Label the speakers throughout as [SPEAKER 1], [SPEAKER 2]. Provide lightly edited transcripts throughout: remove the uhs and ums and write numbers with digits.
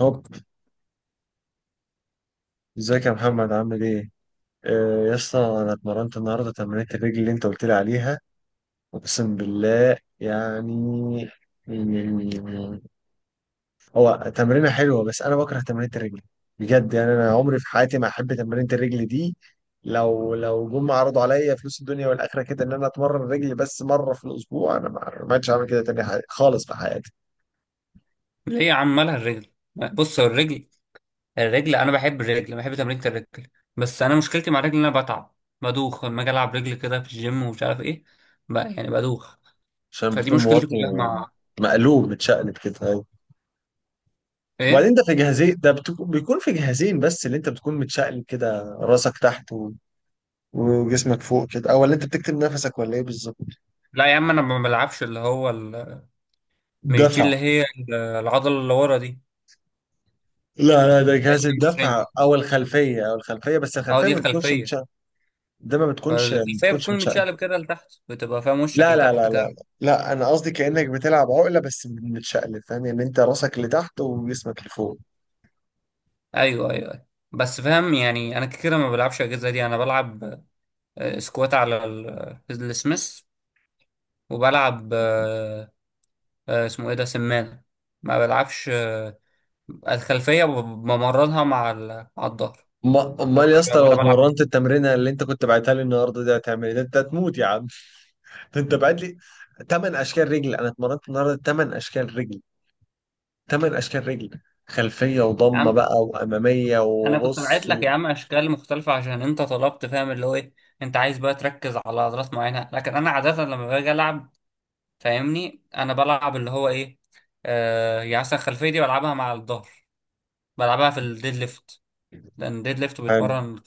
[SPEAKER 1] هوب، ازيك يا محمد، عامل ايه؟ آه يا اسطى، انا اتمرنت النهارده تمرينة الرجل اللي انت قلت لي عليها. اقسم بالله يعني. يعني- هو تمرينة حلوة، بس انا بكره تمرينة الرجل. بجد يعني انا عمري في حياتي ما احب تمرينة الرجل دي. لو جم عرضوا عليا فلوس الدنيا والاخره كده ان انا اتمرن رجلي بس مره في الاسبوع، انا ما عادش هعمل كده تاني خالص في حياتي.
[SPEAKER 2] ليه عمالها الرجل؟ بص، هو الرجل انا بحب الرجل، بحب تمرينة الرجل. بس انا مشكلتي مع الرجل ان انا بتعب، بدوخ لما اجي العب رجل كده في الجيم ومش عارف ايه. بقى يعني بدوخ.
[SPEAKER 1] عشان
[SPEAKER 2] فدي
[SPEAKER 1] بتكون
[SPEAKER 2] مشكلتي
[SPEAKER 1] موطي،
[SPEAKER 2] كلها مع
[SPEAKER 1] مقلوب، متشقلب كده.
[SPEAKER 2] ايه؟
[SPEAKER 1] وبعدين ده في جهازين، ده بيكون في جهازين، بس اللي انت بتكون متشقلب كده راسك تحت وجسمك فوق كده، او اللي انت بتكتم نفسك ولا ايه بالظبط؟
[SPEAKER 2] لا يا عم، انا ما بلعبش اللي هو مش دي
[SPEAKER 1] دفع.
[SPEAKER 2] اللي هي العضله اللي ورا دي؟
[SPEAKER 1] لا لا، ده جهاز
[SPEAKER 2] hamstring.
[SPEAKER 1] الدفع او الخلفيه بس،
[SPEAKER 2] اه،
[SPEAKER 1] الخلفيه
[SPEAKER 2] دي
[SPEAKER 1] ما بتكونش
[SPEAKER 2] خلفيه.
[SPEAKER 1] متشقلب. ده ما بتكونش ما
[SPEAKER 2] الخلفيه
[SPEAKER 1] بتكونش
[SPEAKER 2] بتكون
[SPEAKER 1] متشقلب.
[SPEAKER 2] متشقلب كده لتحت، بتبقى فاهم وشك
[SPEAKER 1] لا لا لا
[SPEAKER 2] لتحت كده.
[SPEAKER 1] لا، لا انا قصدي كانك بتلعب عقله بس متشقلب، فاهم؟ يعني انت راسك لتحت وجسمك لفوق.
[SPEAKER 2] ايوه ايوه أيوة. بس فاهم يعني، انا كده ما بلعبش الاجهزه دي، انا بلعب سكوات على السميث، وبلعب اسمه ايه ده؟ سمانة. ما بلعبش الخلفية بمرنها مع مع الظهر. لو
[SPEAKER 1] امال يا
[SPEAKER 2] انا
[SPEAKER 1] اسطى لو
[SPEAKER 2] وأنا بلعب
[SPEAKER 1] اتمرنت التمرينه اللي انت كنت بعتها لي النهارده دي هتعمل ايه؟ ده انت هتموت يا عم. انت بعت لي ثمان اشكال رجل، انا اتمرنت النهارده ثمان اشكال رجل، ثمان اشكال رجل. خلفيه
[SPEAKER 2] يا
[SPEAKER 1] وضمه
[SPEAKER 2] عم،
[SPEAKER 1] بقى واماميه
[SPEAKER 2] انا كنت بعت
[SPEAKER 1] وبص
[SPEAKER 2] لك يا عم اشكال مختلفة عشان انت طلبت، فاهم اللي هو ايه. انت عايز بقى تركز على عضلات معينة، لكن انا عادة لما باجي العب فاهمني انا بلعب اللي هو ايه. آه، يعني مثلا الخلفية دي بلعبها مع الظهر، بلعبها في الديد ليفت، لان الديد ليفت
[SPEAKER 1] حلو.
[SPEAKER 2] بيتمرن.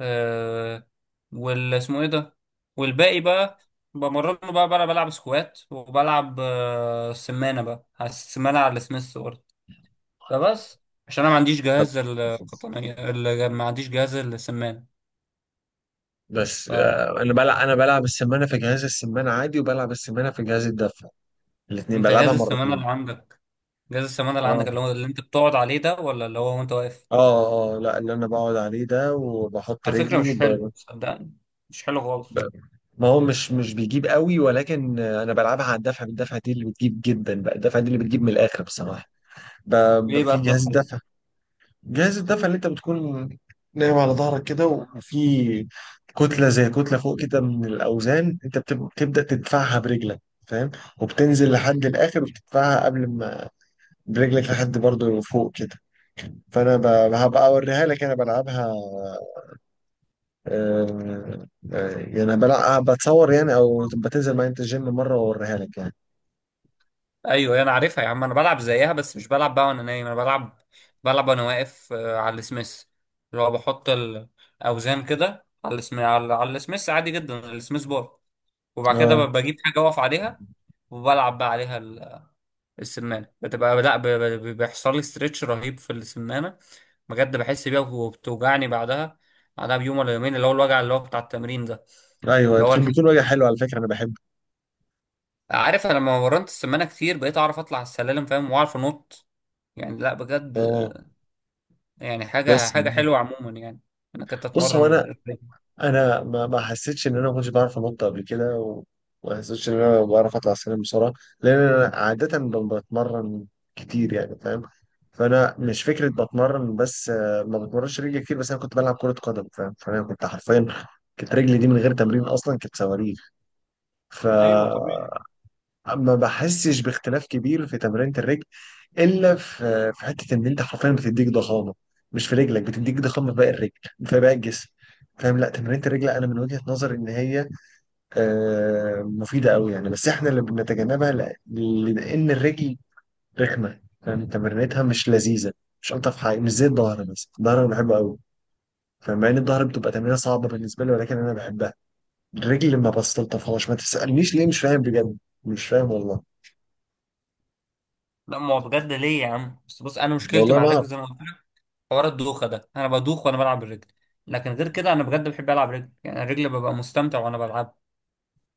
[SPEAKER 2] آه، وال اسمه ايه ده؟ والباقي بقى بمرنه، بقى بلعب سكوات، وبلعب آه سمانة بقى، على السمانة على السميث برضه. فبس، عشان انا ما عنديش
[SPEAKER 1] طب،
[SPEAKER 2] جهاز القطنية ما عنديش جهاز السمانة.
[SPEAKER 1] بس
[SPEAKER 2] فانت
[SPEAKER 1] انا بلعب السمانه في جهاز السمانه عادي، وبلعب السمانه في جهاز الدفع. الاثنين
[SPEAKER 2] جهاز
[SPEAKER 1] بلعبها
[SPEAKER 2] السمانة
[SPEAKER 1] مرتين.
[SPEAKER 2] اللي عندك، جهاز السمانة اللي
[SPEAKER 1] اه
[SPEAKER 2] عندك اللي هو اللي انت بتقعد عليه ده، ولا اللي هو وانت واقف؟
[SPEAKER 1] اه اه، لا اللي انا بقعد عليه ده، وبحط
[SPEAKER 2] على فكرة
[SPEAKER 1] رجلي
[SPEAKER 2] مش حلو، صدقني. مش حلو خالص.
[SPEAKER 1] ب- ما هو مش بيجيب قوي، ولكن انا بلعبها على الدفع. بالدفع دي اللي بتجيب جدا بقى. الدفع دي اللي بتجيب من الاخر بصراحه. ب...
[SPEAKER 2] ليه بقى
[SPEAKER 1] في جهاز
[SPEAKER 2] الدفع؟
[SPEAKER 1] الدفع، جهاز الدفع اللي انت بتكون نايم على ظهرك كده، وفي كتلة زي كتلة فوق كده من الأوزان، انت بتبدأ تدفعها برجلك، فاهم؟ وبتنزل لحد الآخر، وبتدفعها قبل ما برجلك لحد برضه فوق كده. فأنا هبقى أوريها لك أنا بلعبها. آه، يعني بلعب، بتصور يعني، أو بتنزل معايا انت الجيم مرة وأوريها لك يعني.
[SPEAKER 2] ايوه انا عارفها يا عم، انا بلعب زيها بس مش بلعب بقى وانا نايم، انا بلعب. بلعب وانا واقف على السميث، اللي هو بحط الاوزان كده على على السميث عادي جدا، السميث بار. وبعد كده
[SPEAKER 1] اه
[SPEAKER 2] بجيب حاجه اقف عليها، وبلعب بقى عليها السمانه. بتبقى لا بيحصل لي استرتش رهيب في السمانه. بجد بحس بيها، وبتوجعني بعدها، بعدها بيوم ولا يومين، اللي هو الوجع اللي هو بتاع التمرين ده.
[SPEAKER 1] ايوه،
[SPEAKER 2] اللي هو الح...
[SPEAKER 1] بيكون وجه حلو على فكرة، أنا بحبه.
[SPEAKER 2] عارف، انا لما مرنت السمانه كتير بقيت اعرف اطلع على السلالم فاهم، واعرف انط. يعني لا بجد،
[SPEAKER 1] اه،
[SPEAKER 2] يعني حاجة
[SPEAKER 1] بس
[SPEAKER 2] حاجة حلوة عموما يعني. انا كنت
[SPEAKER 1] بص، هو
[SPEAKER 2] اتمرن
[SPEAKER 1] انا
[SPEAKER 2] رجلي.
[SPEAKER 1] انا ما حسيتش ان انا ما كنتش بعرف انط قبل كده، وما حسيتش ان انا بعرف اطلع السلم بسرعه. لان انا عاده بتمرن كتير يعني، فاهم؟ فانا مش فكره بتمرن، بس ما بتمرنش رجلي كتير، بس انا كنت بلعب كره قدم فاهم، فانا كنت حرفيا كانت رجلي دي من غير تمرين اصلا كانت صواريخ.
[SPEAKER 2] ايوه طبيعي.
[SPEAKER 1] فما بحسش باختلاف كبير في تمرينة الرجل، الا في حته ان انت حرفيا بتديك ضخامه، مش في رجلك، بتديك ضخامه في باقي الرجل، في باقي الجسم، فاهم؟ لا تمرينة الرجل انا من وجهه نظري ان هي مفيده قوي يعني، بس احنا اللي بنتجنبها لان الرجل رخمه، فاهم؟ تمرينتها مش لذيذه، مش الطف حاجه، مش زي الظهر. بس الظهر انا بحبه قوي. فمع ان الظهر بتبقى تمرينه صعبه بالنسبه لي، ولكن انا بحبها. الرجل ما بستلطفهاش، ما تسالنيش ليه، مش فاهم بجد، مش فاهم والله.
[SPEAKER 2] لا ما هو بجد ليه يا عم؟ بس بص، انا مشكلتي
[SPEAKER 1] والله
[SPEAKER 2] مع
[SPEAKER 1] ما
[SPEAKER 2] الرجل زي
[SPEAKER 1] اعرف.
[SPEAKER 2] ما قلت لك. حوار الدوخة ده، انا بدوخ وانا بلعب الرجل، لكن غير كده انا بجد بحب العب رجل. يعني الرجل ببقى مستمتع وانا بلعب.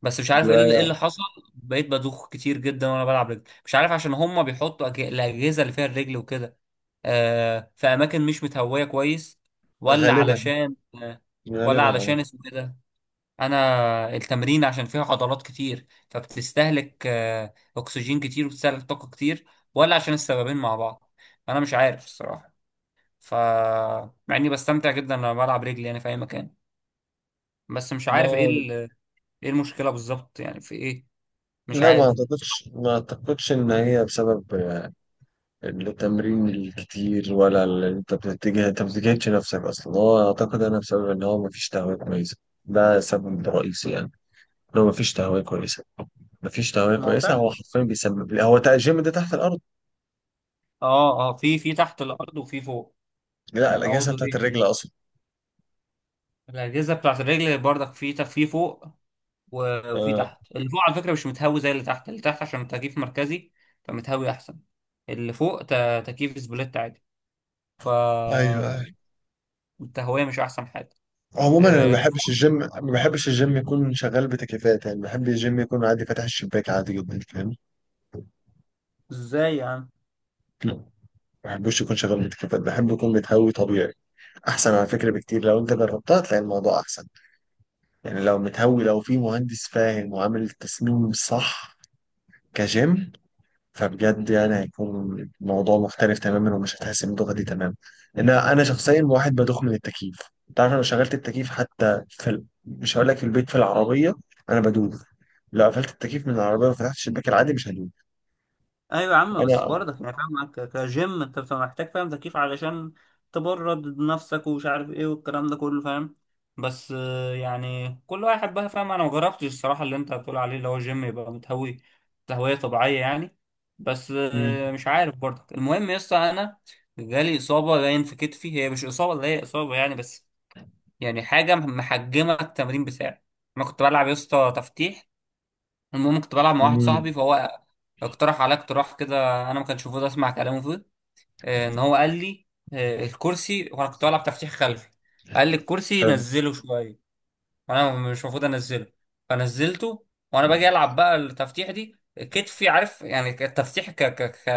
[SPEAKER 2] بس مش عارف ايه إيه اللي حصل. بقيت بدوخ كتير جدا وانا بلعب رجل، مش عارف عشان هما بيحطوا الاجهزة اللي فيها الرجل وكده آه في اماكن مش متهوية كويس، ولا
[SPEAKER 1] غالبا،
[SPEAKER 2] علشان آه، ولا
[SPEAKER 1] غالبا اه.
[SPEAKER 2] علشان اسمه كده انا التمرين، عشان فيها عضلات كتير فبتستهلك اكسجين كتير، وبتستهلك طاقة كتير، ولا عشان السببين مع بعض؟ انا مش عارف الصراحة. ف مع اني بستمتع جدا لما بلعب رجلي يعني في اي مكان، بس مش
[SPEAKER 1] لا،
[SPEAKER 2] عارف ايه
[SPEAKER 1] لا،
[SPEAKER 2] ايه المشكلة بالظبط يعني، في ايه؟ مش
[SPEAKER 1] لا ما
[SPEAKER 2] عارف.
[SPEAKER 1] اعتقدش ما اعتقدش ان هي بسبب التمرين الكتير ولا اللي انت بتتجه، انت ما بتجهدش نفسك اصلا. هو اعتقد انا بسبب ان هو ما فيش تهوية كويسة، ده سبب رئيسي يعني. ان هو ما فيش تهوية كويسة.
[SPEAKER 2] ما هو
[SPEAKER 1] هو
[SPEAKER 2] فعلا.
[SPEAKER 1] حرفيا بيسبب لي، هو الجيم ده تحت الارض.
[SPEAKER 2] اه اه، في تحت الارض وفي فوق.
[SPEAKER 1] لا
[SPEAKER 2] يعني هو
[SPEAKER 1] الاجهزة بتاعت
[SPEAKER 2] دورين،
[SPEAKER 1] الرجل اصلا.
[SPEAKER 2] الاجهزة بتاعت الرجل برضك في في فوق وفي
[SPEAKER 1] اه
[SPEAKER 2] تحت. اللي فوق على فكرة مش متهوي زي اللي تحت، اللي تحت عشان تكييف مركزي فمتهوي أحسن. اللي فوق تكييف سبليت عادي،
[SPEAKER 1] ايوه
[SPEAKER 2] فالتهوية
[SPEAKER 1] ايوه.
[SPEAKER 2] مش أحسن حاجة.
[SPEAKER 1] عموما انا ما
[SPEAKER 2] آه،
[SPEAKER 1] بحبش الجيم، ما بحبش الجيم يكون شغال بتكييفات، يعني بحب الجيم يكون عادي فاتح الشباك عادي جدا، فاهم؟
[SPEAKER 2] ازاي يعني؟
[SPEAKER 1] ما بحبوش يكون شغال بتكييفات، بحب يكون متهوي طبيعي. احسن على فكره بكتير، لو انت جربتها تلاقي الموضوع احسن. يعني لو متهوي، لو في مهندس فاهم وعامل التصميم صح كجيم، فبجد يعني هيكون الموضوع مختلف تماما، ومش هتحس بالدوخه دي تماما. انا شخصيا واحد بدوخ من التكييف. انت عارف لو شغلت التكييف حتى في مش هقول لك في البيت، في العربيه انا بدوخ. لو قفلت التكييف من العربيه وفتحت الشباك العادي مش هدوخ.
[SPEAKER 2] ايوه يا عم، بس
[SPEAKER 1] انا.
[SPEAKER 2] برضك يعني فاهم، معاك كجيم انت بتبقى محتاج فاهم تكييف علشان تبرد نفسك، ومش عارف ايه والكلام ده كله فاهم. بس يعني كل واحد بقى فاهم، انا ما جربتش الصراحه اللي انت بتقول عليه، اللي هو جيم يبقى متهوي، تهويه طبيعيه يعني. بس
[SPEAKER 1] مم.
[SPEAKER 2] مش عارف برضك. المهم يا اسطى، انا جالي اصابه باين في كتفي، هي مش اصابه اللي هي اصابه يعني، بس يعني حاجه محجمه التمرين بتاعي. انا كنت بلعب يا اسطى تفتيح. المهم كنت بلعب مع واحد
[SPEAKER 1] مم.
[SPEAKER 2] صاحبي، فهو اقترح عليا اقتراح كده. انا ما كنتش المفروض اسمع كلامه فيه. ان هو قال لي الكرسي، وانا كنت بلعب تفتيح خلفي، قال لي الكرسي
[SPEAKER 1] حلو.
[SPEAKER 2] نزله شويه، وانا مش المفروض انزله فنزلته. وانا باجي العب بقى التفتيح دي، كتفي عارف يعني. التفتيح ك ك ك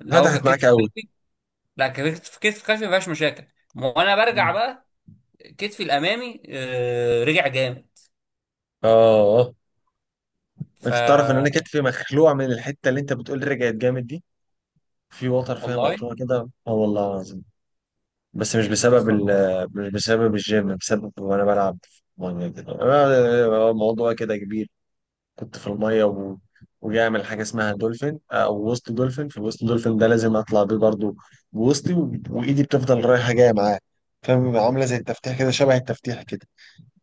[SPEAKER 2] اللي هو
[SPEAKER 1] فتحت معاك
[SPEAKER 2] ككتف
[SPEAKER 1] قوي.
[SPEAKER 2] خلفي. لا ككتف، كتف خلفي ما فيهاش مشاكل. وانا برجع بقى، كتفي الامامي رجع جامد.
[SPEAKER 1] اه،
[SPEAKER 2] ف
[SPEAKER 1] انت تعرف ان انا كتفي مخلوع من الحته اللي انت بتقول رجعت جامد دي؟ في وتر فيها
[SPEAKER 2] والله،
[SPEAKER 1] مقطوعه كده، اه والله العظيم. بس مش بسبب ال مش بسبب الجيم، بسبب وانا بلعب في الميه كده، الموضوع كده كبير. كنت في الميه وجاي اعمل حاجه اسمها دولفين او وسط دولفين. في الوسط دولفين ده لازم اطلع بيه برضو بوسطي، وايدي بتفضل رايحه جايه معاه، فاهم؟ عامله زي التفتيح كده، شبه التفتيح كده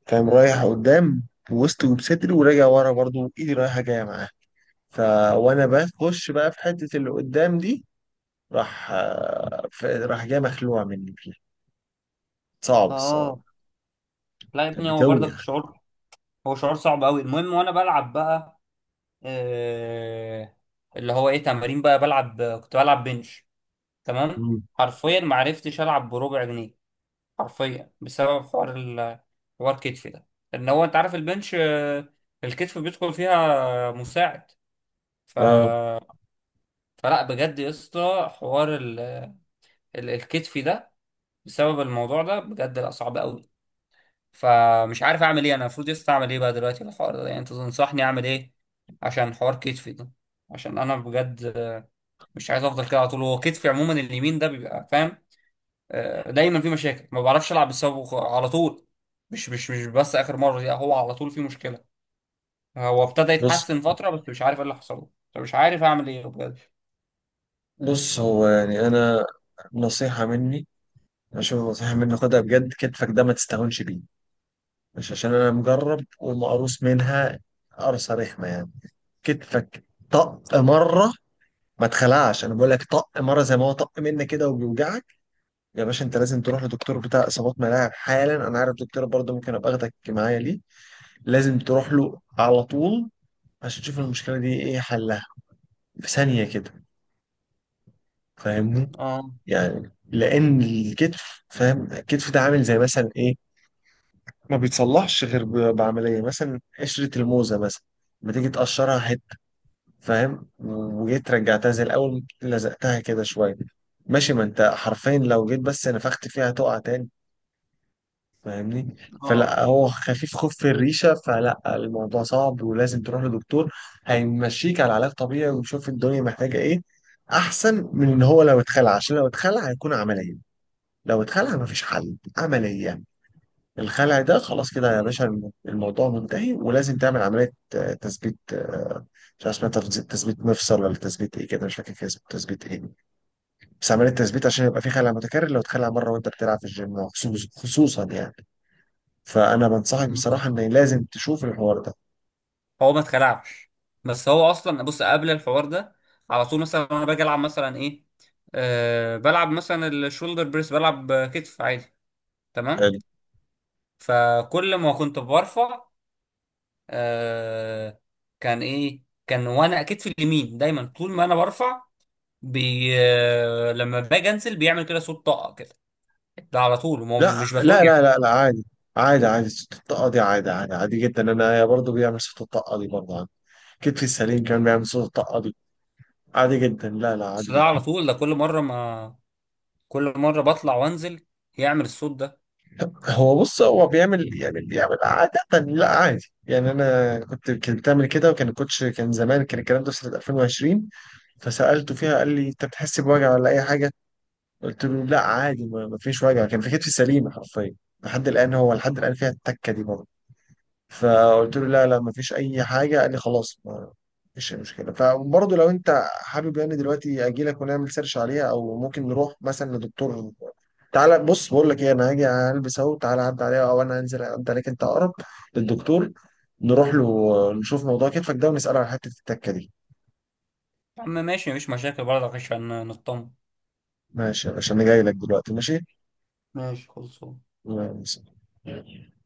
[SPEAKER 1] فاهم، رايح قدام بوسطي وبصدري، وراجع ورا برضو ايدي رايحه جايه معاه. ف وانا بخش بقى في حتة اللي قدام دي، راح راح جاي مخلوع مني فيها. صعب الصراحة.
[SPEAKER 2] اه. لا يا
[SPEAKER 1] كانت
[SPEAKER 2] ابني، هو
[SPEAKER 1] بتوجع.
[SPEAKER 2] برضك شعور. هو شعور صعب قوي. المهم وانا بلعب بقى آه، اللي هو ايه؟ تمارين بقى بلعب، كنت بلعب بنش. تمام.
[SPEAKER 1] مم.
[SPEAKER 2] حرفيا ما عرفتش العب بربع جنيه. حرفيا بسبب حوار حوار الكتف ده. ان هو انت عارف البنش آه، الكتف بيدخل فيها مساعد. ف...
[SPEAKER 1] اه،
[SPEAKER 2] فلا بجد يا اسطى، حوار الكتف ده، بسبب الموضوع ده بجد لا صعب قوي. فمش عارف اعمل ايه، انا المفروض يسطا اعمل ايه بقى دلوقتي في الحوار ده؟ يعني انت تنصحني اعمل ايه عشان حوار كتفي ده؟ عشان انا بجد مش عايز افضل كده على طول. هو كتفي عموما اليمين ده بيبقى فاهم دايما في مشاكل، ما بعرفش العب بسببه على طول. مش بس اخر مره دي، هو على طول في مشكله. هو ابتدى
[SPEAKER 1] بص
[SPEAKER 2] يتحسن فتره، بس مش عارف ايه اللي حصل له، فمش عارف اعمل ايه بجد.
[SPEAKER 1] بص هو يعني انا نصيحة مني، عشان نصيحة مني خدها بجد، كتفك ده ما تستهونش بيه. مش عشان انا مجرب ومقروص منها، قرصة رخمة يعني. كتفك طق مرة، ما تخلعش، انا بقول لك طق مرة، زي ما هو طق منك كده وبيوجعك. يا باشا انت لازم تروح لدكتور بتاع اصابات ملاعب حالا. انا عارف دكتور برضه، ممكن ابقى اخدك معايا ليه. لازم تروح له على طول، عشان تشوف المشكله دي ايه حلها، في ثانيه كده، فاهمني؟
[SPEAKER 2] اه
[SPEAKER 1] يعني لان الكتف فاهم، الكتف ده عامل زي مثلا ايه، ما بيتصلحش غير بعمليه. مثلا قشره الموزه مثلا، لما تيجي تقشرها حته فاهم، وجيت رجعتها زي الاول، لزقتها كده شويه، ماشي. ما انت حرفيا لو جيت بس نفخت فيها تقع تاني، فاهمني؟
[SPEAKER 2] اه.
[SPEAKER 1] فلا هو خفيف خوف في الريشه، فلا الموضوع صعب ولازم تروح لدكتور. هيمشيك على علاج طبيعي، ويشوف الدنيا محتاجه ايه، احسن من ان هو لو اتخلع. عشان لو اتخلع هيكون عمليه. لو اتخلع مفيش حل، عمليه. الخلع ده خلاص كده يا باشا، الموضوع منتهي، ولازم تعمل عمليه تثبيت، مش عارف اسمها، تثبيت مفصل، ولا تثبيت ايه كده، مش فاكر كده اسمه تثبيت ايه. بس عمليه تثبيت، عشان يبقى في خلع متكرر لو اتخلع مره وانت بتلعب في الجيم، خصوصا يعني. فانا بنصحك بصراحه ان لازم تشوف الحوار ده.
[SPEAKER 2] هو ما اتخلعش، بس هو اصلا بص قبل الحوار ده على طول، مثلا انا باجي العب مثلا ايه، أه بلعب مثلا الشولدر بريس، بلعب كتف عادي. تمام.
[SPEAKER 1] حلو.
[SPEAKER 2] فكل ما كنت برفع أه كان ايه، كان وانا كتفي اليمين دايما طول ما انا برفع لما باجي انزل بيعمل كده صوت طاقه كده. ده على طول، ما هو
[SPEAKER 1] لا
[SPEAKER 2] مش
[SPEAKER 1] لا
[SPEAKER 2] بتوجع.
[SPEAKER 1] لا لا، لا عادي، عادي عادي. صوت الطاقه دي عادي، عادي عادي جدا. انا برضه بيعمل صوت الطاقه دي برضه عندي، كتفي السليم كان بيعمل صوت الطاقه دي، عادي جدا، لا لا، عادي
[SPEAKER 2] بس ده على
[SPEAKER 1] جدا.
[SPEAKER 2] طول، ده كل مره ما كل مره بطلع وانزل يعمل الصوت ده.
[SPEAKER 1] هو بص، هو بيعمل يعني، بيعمل عادة، لا عادي يعني. انا كنت بتعمل كده، وكان الكوتش كان زمان، كان الكلام ده في سنة 2020. فسألته فيها قال لي انت بتحس بوجع ولا اي حاجة؟ قلت له لا عادي، ما فيش وجع، كان في كتفي سليمة حرفيا لحد الآن. هو لحد الآن فيها التكة دي. فقلت له لا لا مفيش اي حاجه، قال لي خلاص ما فيش اي مشكله. فبرضه لو انت حابب يعني دلوقتي اجي لك ونعمل سيرش عليها، او ممكن نروح مثلا لدكتور. تعالى، بص بقول لك ايه، انا هاجي البس اهو تعالى عدى عليها، او انا هنزل عدى عليك انت اقرب للدكتور. نروح له نشوف موضوع كتفك ده، ونساله على حته التكه دي.
[SPEAKER 2] يا عم ماشي، مفيش مشاكل برضه عشان نطمن.
[SPEAKER 1] ماشي يا باشا، انا جاي لك دلوقتي، ماشي.
[SPEAKER 2] ماشي خلصان.
[SPEAKER 1] الله يسلمك.